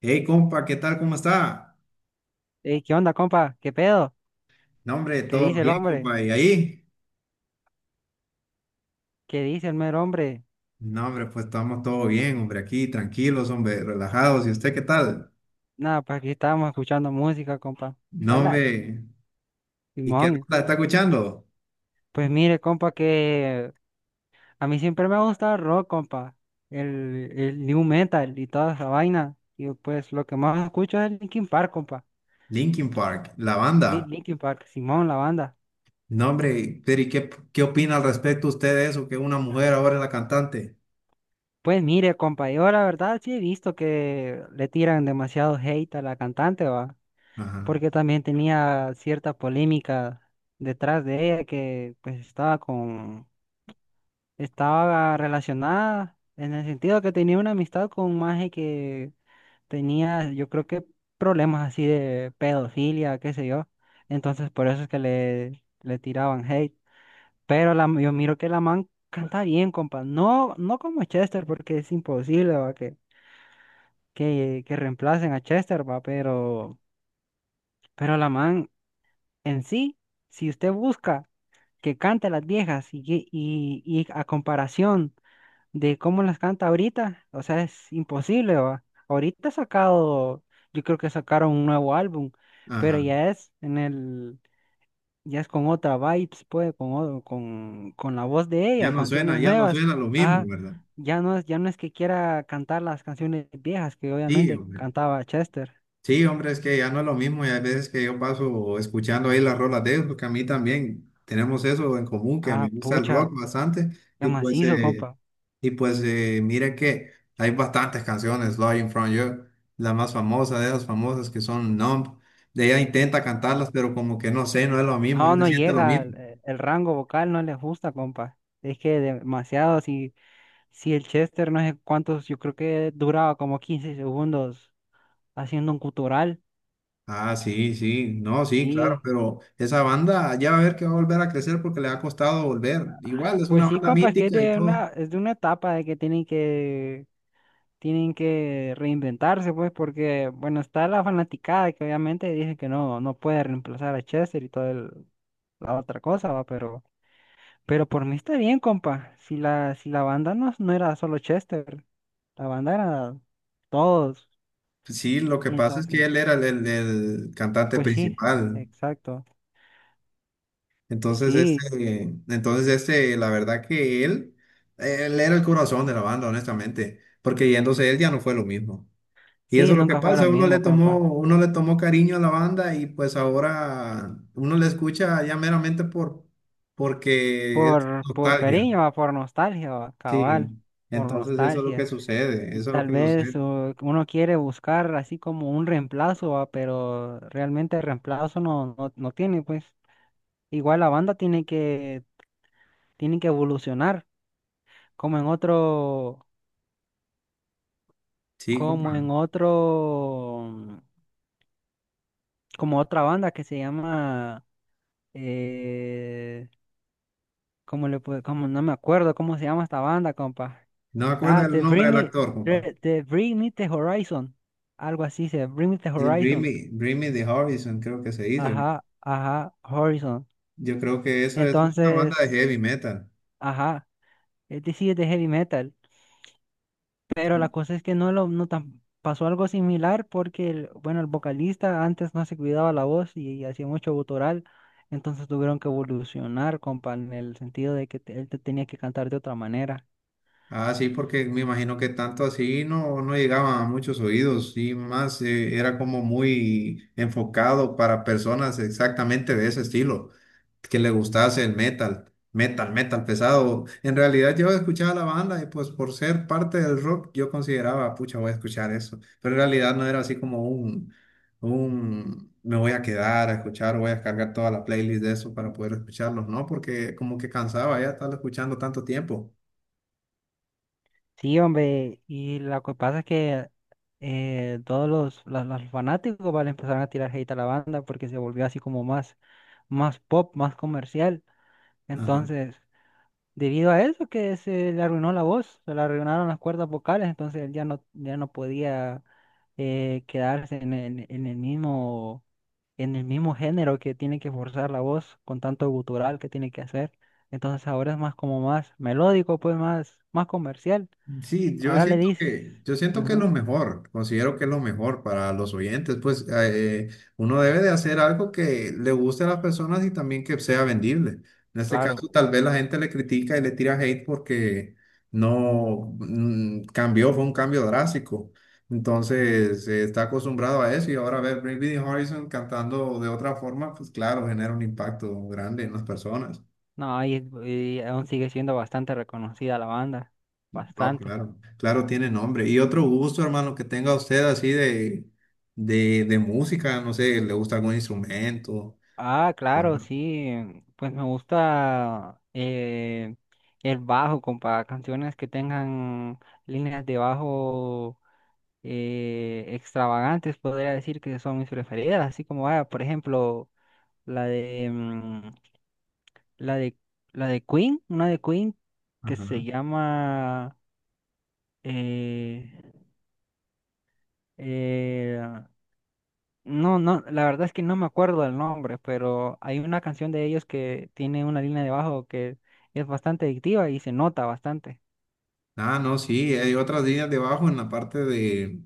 Hey, compa, ¿qué tal? ¿Cómo está? Ey, ¿qué onda, compa? ¿Qué pedo? No, hombre, ¿Qué todo dice el bien, hombre? compa. ¿Y ahí? ¿Qué dice el mero hombre? No, hombre, pues estamos todo bien, hombre, aquí tranquilos, hombre, relajados. ¿Y usted qué tal? Nada, pues aquí estábamos escuchando música, compa. No, Relax, hombre, ¿y qué Simón. rola está escuchando? Pues mire, compa, que a mí siempre me ha gustado el rock, compa. El new metal y toda esa vaina. Y pues lo que más escucho es Linkin Park, compa. Linkin Park, la Sí, banda. Linkin Park, Simón, la banda. No, hombre, pero ¿y qué, qué opina al respecto usted de eso? Que una mujer ahora es la cantante. Pues mire, compa, yo la verdad sí he visto que le tiran demasiado hate a la cantante, va. Ajá, Porque también tenía cierta polémica detrás de ella que pues estaba relacionada en el sentido que tenía una amistad con un maje que tenía, yo creo que problemas así de pedofilia, qué sé yo. Entonces por eso es que le tiraban hate. Pero la, yo miro que la man canta bien, compa. No, no como Chester, porque es imposible, va, que reemplacen a Chester, va, pero la man en sí. Si usted busca que canta las viejas y a comparación de cómo las canta ahorita, o sea, es imposible, ¿va? Ahorita ha sacado, yo creo que sacaron un nuevo álbum, pero ajá. ya es en el, ya es con otra vibes, pues, con la voz de ella, canciones Ya no nuevas. suena lo mismo, Ah, ¿verdad? Ya no es que quiera cantar las canciones viejas que Sí, obviamente hombre. cantaba Chester. Sí, hombre, es que ya no es lo mismo y hay veces que yo paso escuchando ahí las rolas de ellos, porque a mí también tenemos eso en común, que me Ah, gusta el rock pucha, bastante qué y macizo, compa. Mire que hay bastantes canciones, Lying From You, la más famosa de esas famosas que son Numb, ella intenta cantarlas, pero como que no sé, no es lo mismo, no No, se no siente lo llega, mismo. El rango vocal no les gusta, compa. Es que demasiado, si, si el Chester no sé cuántos, yo creo que duraba como 15 segundos haciendo un gutural. Ah, sí, sí, no, sí, claro, Sí, pero esa banda ya va a ver que va a volver a crecer porque le ha costado volver. Igual es una pues sí, banda compa, es que mítica y todo. Es de una etapa de que tienen tienen que reinventarse, pues, porque, bueno, está la fanaticada que obviamente dice que no, no puede reemplazar a Chester y toda la otra cosa, va, pero por mí está bien, compa. Si la banda no, no era solo Chester. La bandera, todos. Sí, lo que Y pasa es que entonces, él era el cantante pues sí, principal. exacto. Entonces, Sí, la verdad que él era el corazón de la banda, honestamente, porque yéndose él ya no fue lo mismo. Y eso sí, es lo que nunca fue lo pasa, mismo, compa. uno le tomó cariño a la banda y pues ahora uno le escucha ya meramente porque es Por nostalgia. cariño, va, por nostalgia, va, Sí, cabal, por entonces eso es lo que nostalgia. sucede, Y eso es lo tal que vez sucede. Uno quiere buscar así como un reemplazo, va, pero realmente el reemplazo no, no, no tiene, pues. Igual la banda tiene tiene que evolucionar, como en otro, Sí, como compa. en otro, como otra banda que se llama. Eh, ¿Cómo le puedo, cómo, no me acuerdo cómo se llama esta banda, compa? No me acuerdo Ah, el nombre del actor, compa. The Bring Me The Horizon. Algo así se, Bring Me The Sí, Horizon. Bring Me the Horizon, creo que se dice. Ajá, ajá, Horizon. Yo creo que eso es una banda de Entonces, heavy metal. ajá, este sí es de heavy metal. Pero la cosa es que no lo, no tan, pasó algo similar porque el, bueno, el vocalista antes no se cuidaba la voz y, hacía mucho gutural. Entonces tuvieron que evolucionar, compa, en el sentido de que él te tenía que cantar de otra manera. Ah, sí, porque me imagino que tanto así no, no llegaba a muchos oídos y más era como muy enfocado para personas exactamente de ese estilo, que le gustase el metal, metal, metal pesado. En realidad yo escuchaba la banda y pues por ser parte del rock yo consideraba, pucha, voy a escuchar eso, pero en realidad no era así como me voy a quedar a escuchar, voy a descargar toda la playlist de eso para poder escucharlos, ¿no? Porque como que cansaba ya estar escuchando tanto tiempo. Sí, hombre, y lo que pasa es que todos los fanáticos, ¿vale? Empezaron a tirar hate a la banda porque se volvió así como más, más pop, más comercial. Ajá. Entonces, debido a eso que se le arruinó la voz, se le arruinaron las cuerdas vocales, entonces él ya no, ya no podía quedarse en el mismo género que tiene que forzar la voz con tanto gutural que tiene que hacer. Entonces ahora es más como más melódico, pues más, más comercial. Sí, Ahora le dices. Yo siento que es Ujú, lo mejor, considero que es lo mejor para los oyentes, pues uno debe de hacer algo que le guste a las personas y también que sea vendible. En este claro. caso, tal vez la gente le critica y le tira hate porque no mm, cambió, fue un cambio drástico. Entonces, está acostumbrado a eso y ahora ver Bring Me the Horizon cantando de otra forma, pues claro, genera un impacto grande en las personas. No, y aún sigue siendo bastante reconocida la banda. No, Bastante. claro, claro, tiene nombre. Y otro gusto, hermano, que tenga usted así de música, no sé, le gusta algún instrumento. Ah, O claro, sí. Pues me gusta el bajo, compa. Canciones que tengan líneas de bajo extravagantes, podría decir que son mis preferidas. Así como, ah, por ejemplo, la de, mm, la de, la de Queen, una de Queen que se ajá. llama... eh, Eh, no, no, la verdad es que no me acuerdo del nombre, pero hay una canción de ellos que tiene una línea de bajo que es bastante adictiva y se nota bastante. Ah, no, sí, hay otras líneas debajo en la parte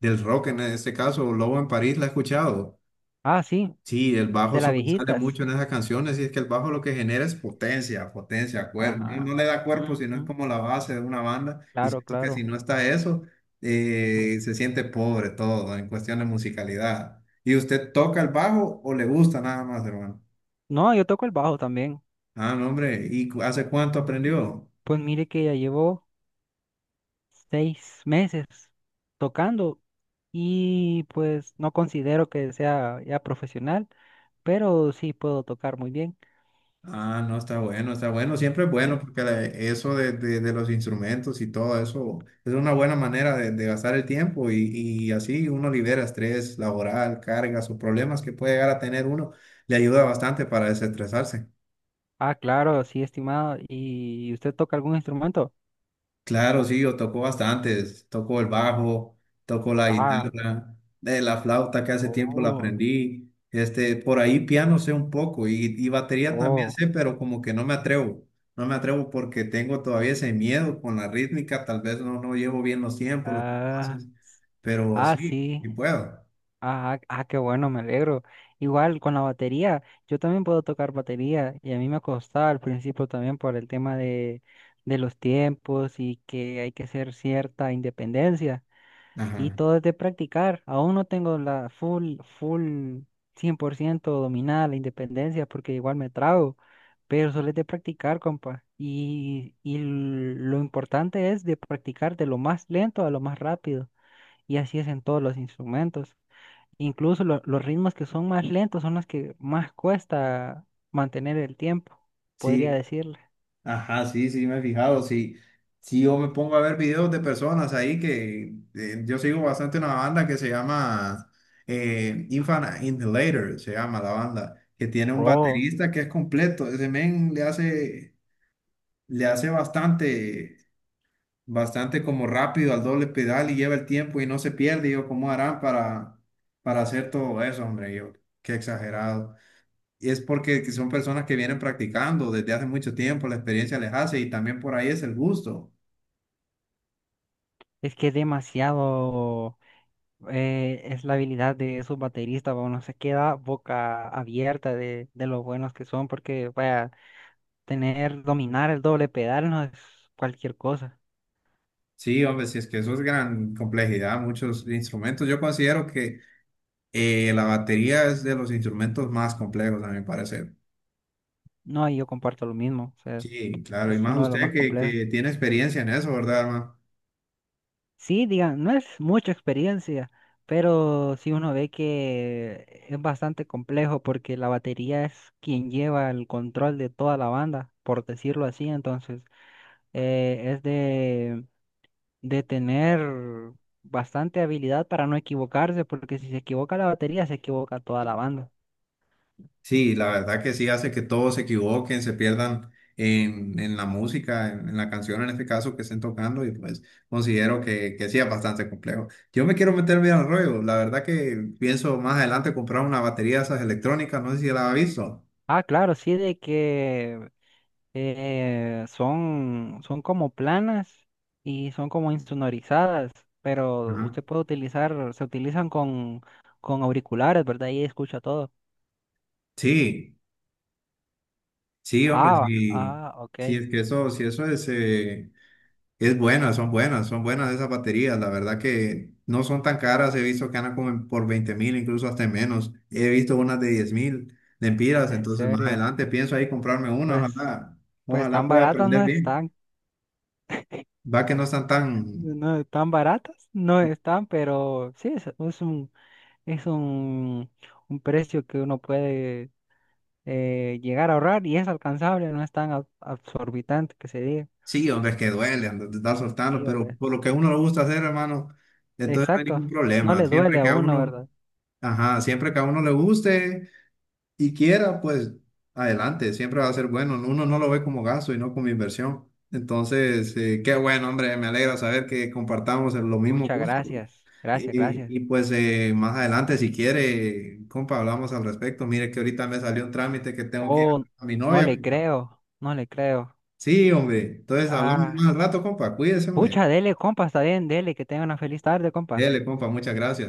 del rock, en este caso, Lobo en París, ¿la he escuchado? Ah, sí, Sí, el bajo de las sobresale viejitas. mucho en esas canciones y es que el bajo lo que genera es potencia, potencia, cuerpo. No, Ajá. no le da cuerpo, sino es Ujú. como la base de una banda. Y Claro, siento que si no claro. está eso, se siente pobre todo en cuestión de musicalidad. ¿Y usted toca el bajo o le gusta nada más, hermano? No, yo toco el bajo también. Ah, no, hombre. ¿Y hace cuánto aprendió? Pues mire que ya llevo 6 meses tocando y pues no considero que sea ya profesional, pero sí puedo tocar muy bien. Ah, no, está bueno, está bueno. Siempre es bueno porque eso de los instrumentos y todo eso es una buena manera de gastar el tiempo y así uno libera estrés laboral, cargas o problemas que puede llegar a tener uno. Le ayuda bastante para desestresarse. Ah, claro, sí, estimado. ¿Y usted toca algún instrumento? Claro, sí, yo toco bastantes. Toco el bajo, toco la Ah, guitarra, la flauta que hace tiempo la oh, aprendí. Este, por ahí piano sé un poco y batería también oh, sé, pero como que no me atrevo. No me atrevo porque tengo todavía ese miedo con la rítmica. Tal vez no llevo bien los tiempos, los ah, compases, pero ah, sí, sí. sí puedo. Ah, ah, ah, qué bueno, me alegro. Igual con la batería, yo también puedo tocar batería y a mí me costaba al principio también por el tema de los tiempos y que hay que hacer cierta independencia. Y Ajá. todo es de practicar. Aún no tengo la full, full 100% dominada la independencia porque igual me trago, pero solo es de practicar, compa. Y lo importante es de practicar de lo más lento a lo más rápido. Y así es en todos los instrumentos. Incluso los ritmos que son más lentos son los que más cuesta mantener el tiempo, podría Sí. decirle. Ajá, sí, sí, me he fijado. Sí, sí, yo me pongo a ver videos de personas ahí que yo sigo bastante una banda que se llama Infinite Inhaler, se llama la banda, que tiene un Oh, baterista que es completo. Ese men le hace bastante como rápido al doble pedal y lleva el tiempo y no se pierde. Yo, ¿cómo harán para hacer todo eso, hombre? Yo, qué exagerado. Y es porque que son personas que vienen practicando desde hace mucho tiempo, la experiencia les hace y también por ahí es el gusto. es que es demasiado. Es la habilidad de sus bateristas, bueno se queda boca abierta de lo buenos que son, porque vaya, tener, dominar el doble pedal no es cualquier cosa. Sí, hombre, si es que eso es gran complejidad, muchos instrumentos. Yo considero que la batería es de los instrumentos más complejos, a mi parecer. No, y yo comparto lo mismo, o sea, Sí, claro, y es más uno de los usted más complejos. que tiene experiencia en eso, ¿verdad, hermano? Sí, digan, no es mucha experiencia, pero sí uno ve que es bastante complejo porque la batería es quien lleva el control de toda la banda, por decirlo así, entonces es de tener bastante habilidad para no equivocarse, porque si se equivoca la batería, se equivoca toda la banda. Sí, la verdad que sí hace que todos se equivoquen, se pierdan en la música, en la canción en este caso que estén tocando y pues considero que sí es bastante complejo. Yo me quiero meter bien al rollo, la verdad que pienso más adelante comprar una batería de esas electrónicas, no sé si la has visto. Ah, claro, sí, de que son como planas y son como insonorizadas, pero Ajá. usted puede utilizar, se utilizan con auriculares, ¿verdad? Y escucha todo. Sí, sí, hombre, Ah, sí, ah, ok, sí, es que eso, sí, eso es... es buena, son buenas esas baterías. La verdad que no son tan caras. He visto que andan como por 20,000, incluso hasta menos. He visto unas de 10,000 lempiras. en Entonces, más serio. adelante pienso ahí comprarme una. Pues, Ojalá, pues ojalá tan pueda baratas aprender no bien. están, Va que no están tan. no tan baratas no están, pero sí, es un Es un, un precio que uno puede llegar a ahorrar y es alcanzable, no es tan absorbitante que se diga. Sí, hombre, es que duele andar de estar soltando, Sí, pero hombre. por lo que a uno le gusta hacer, hermano, entonces no hay Exacto, ningún no problema. le duele Siempre a que a uno, uno, ¿verdad? ajá, siempre que a uno le guste. Y quiera, pues adelante, siempre va a ser bueno. ¿No? Uno no lo ve como gasto y no como inversión. Entonces, qué bueno, hombre, me alegra saber que compartamos los mismos Muchas gustos. gracias, gracias, gracias. Pues más adelante, si quiere, compa, hablamos al respecto. Mire que ahorita me salió un trámite que tengo que ir Oh, a mi no novia, le compa. creo, no le creo. Sí, hombre. Entonces hablamos Ah, más al rato, compa. Cuídese, hombre. pucha, dele, compa, está bien, dele, que tenga una feliz tarde, compa. Dele, compa. Muchas gracias.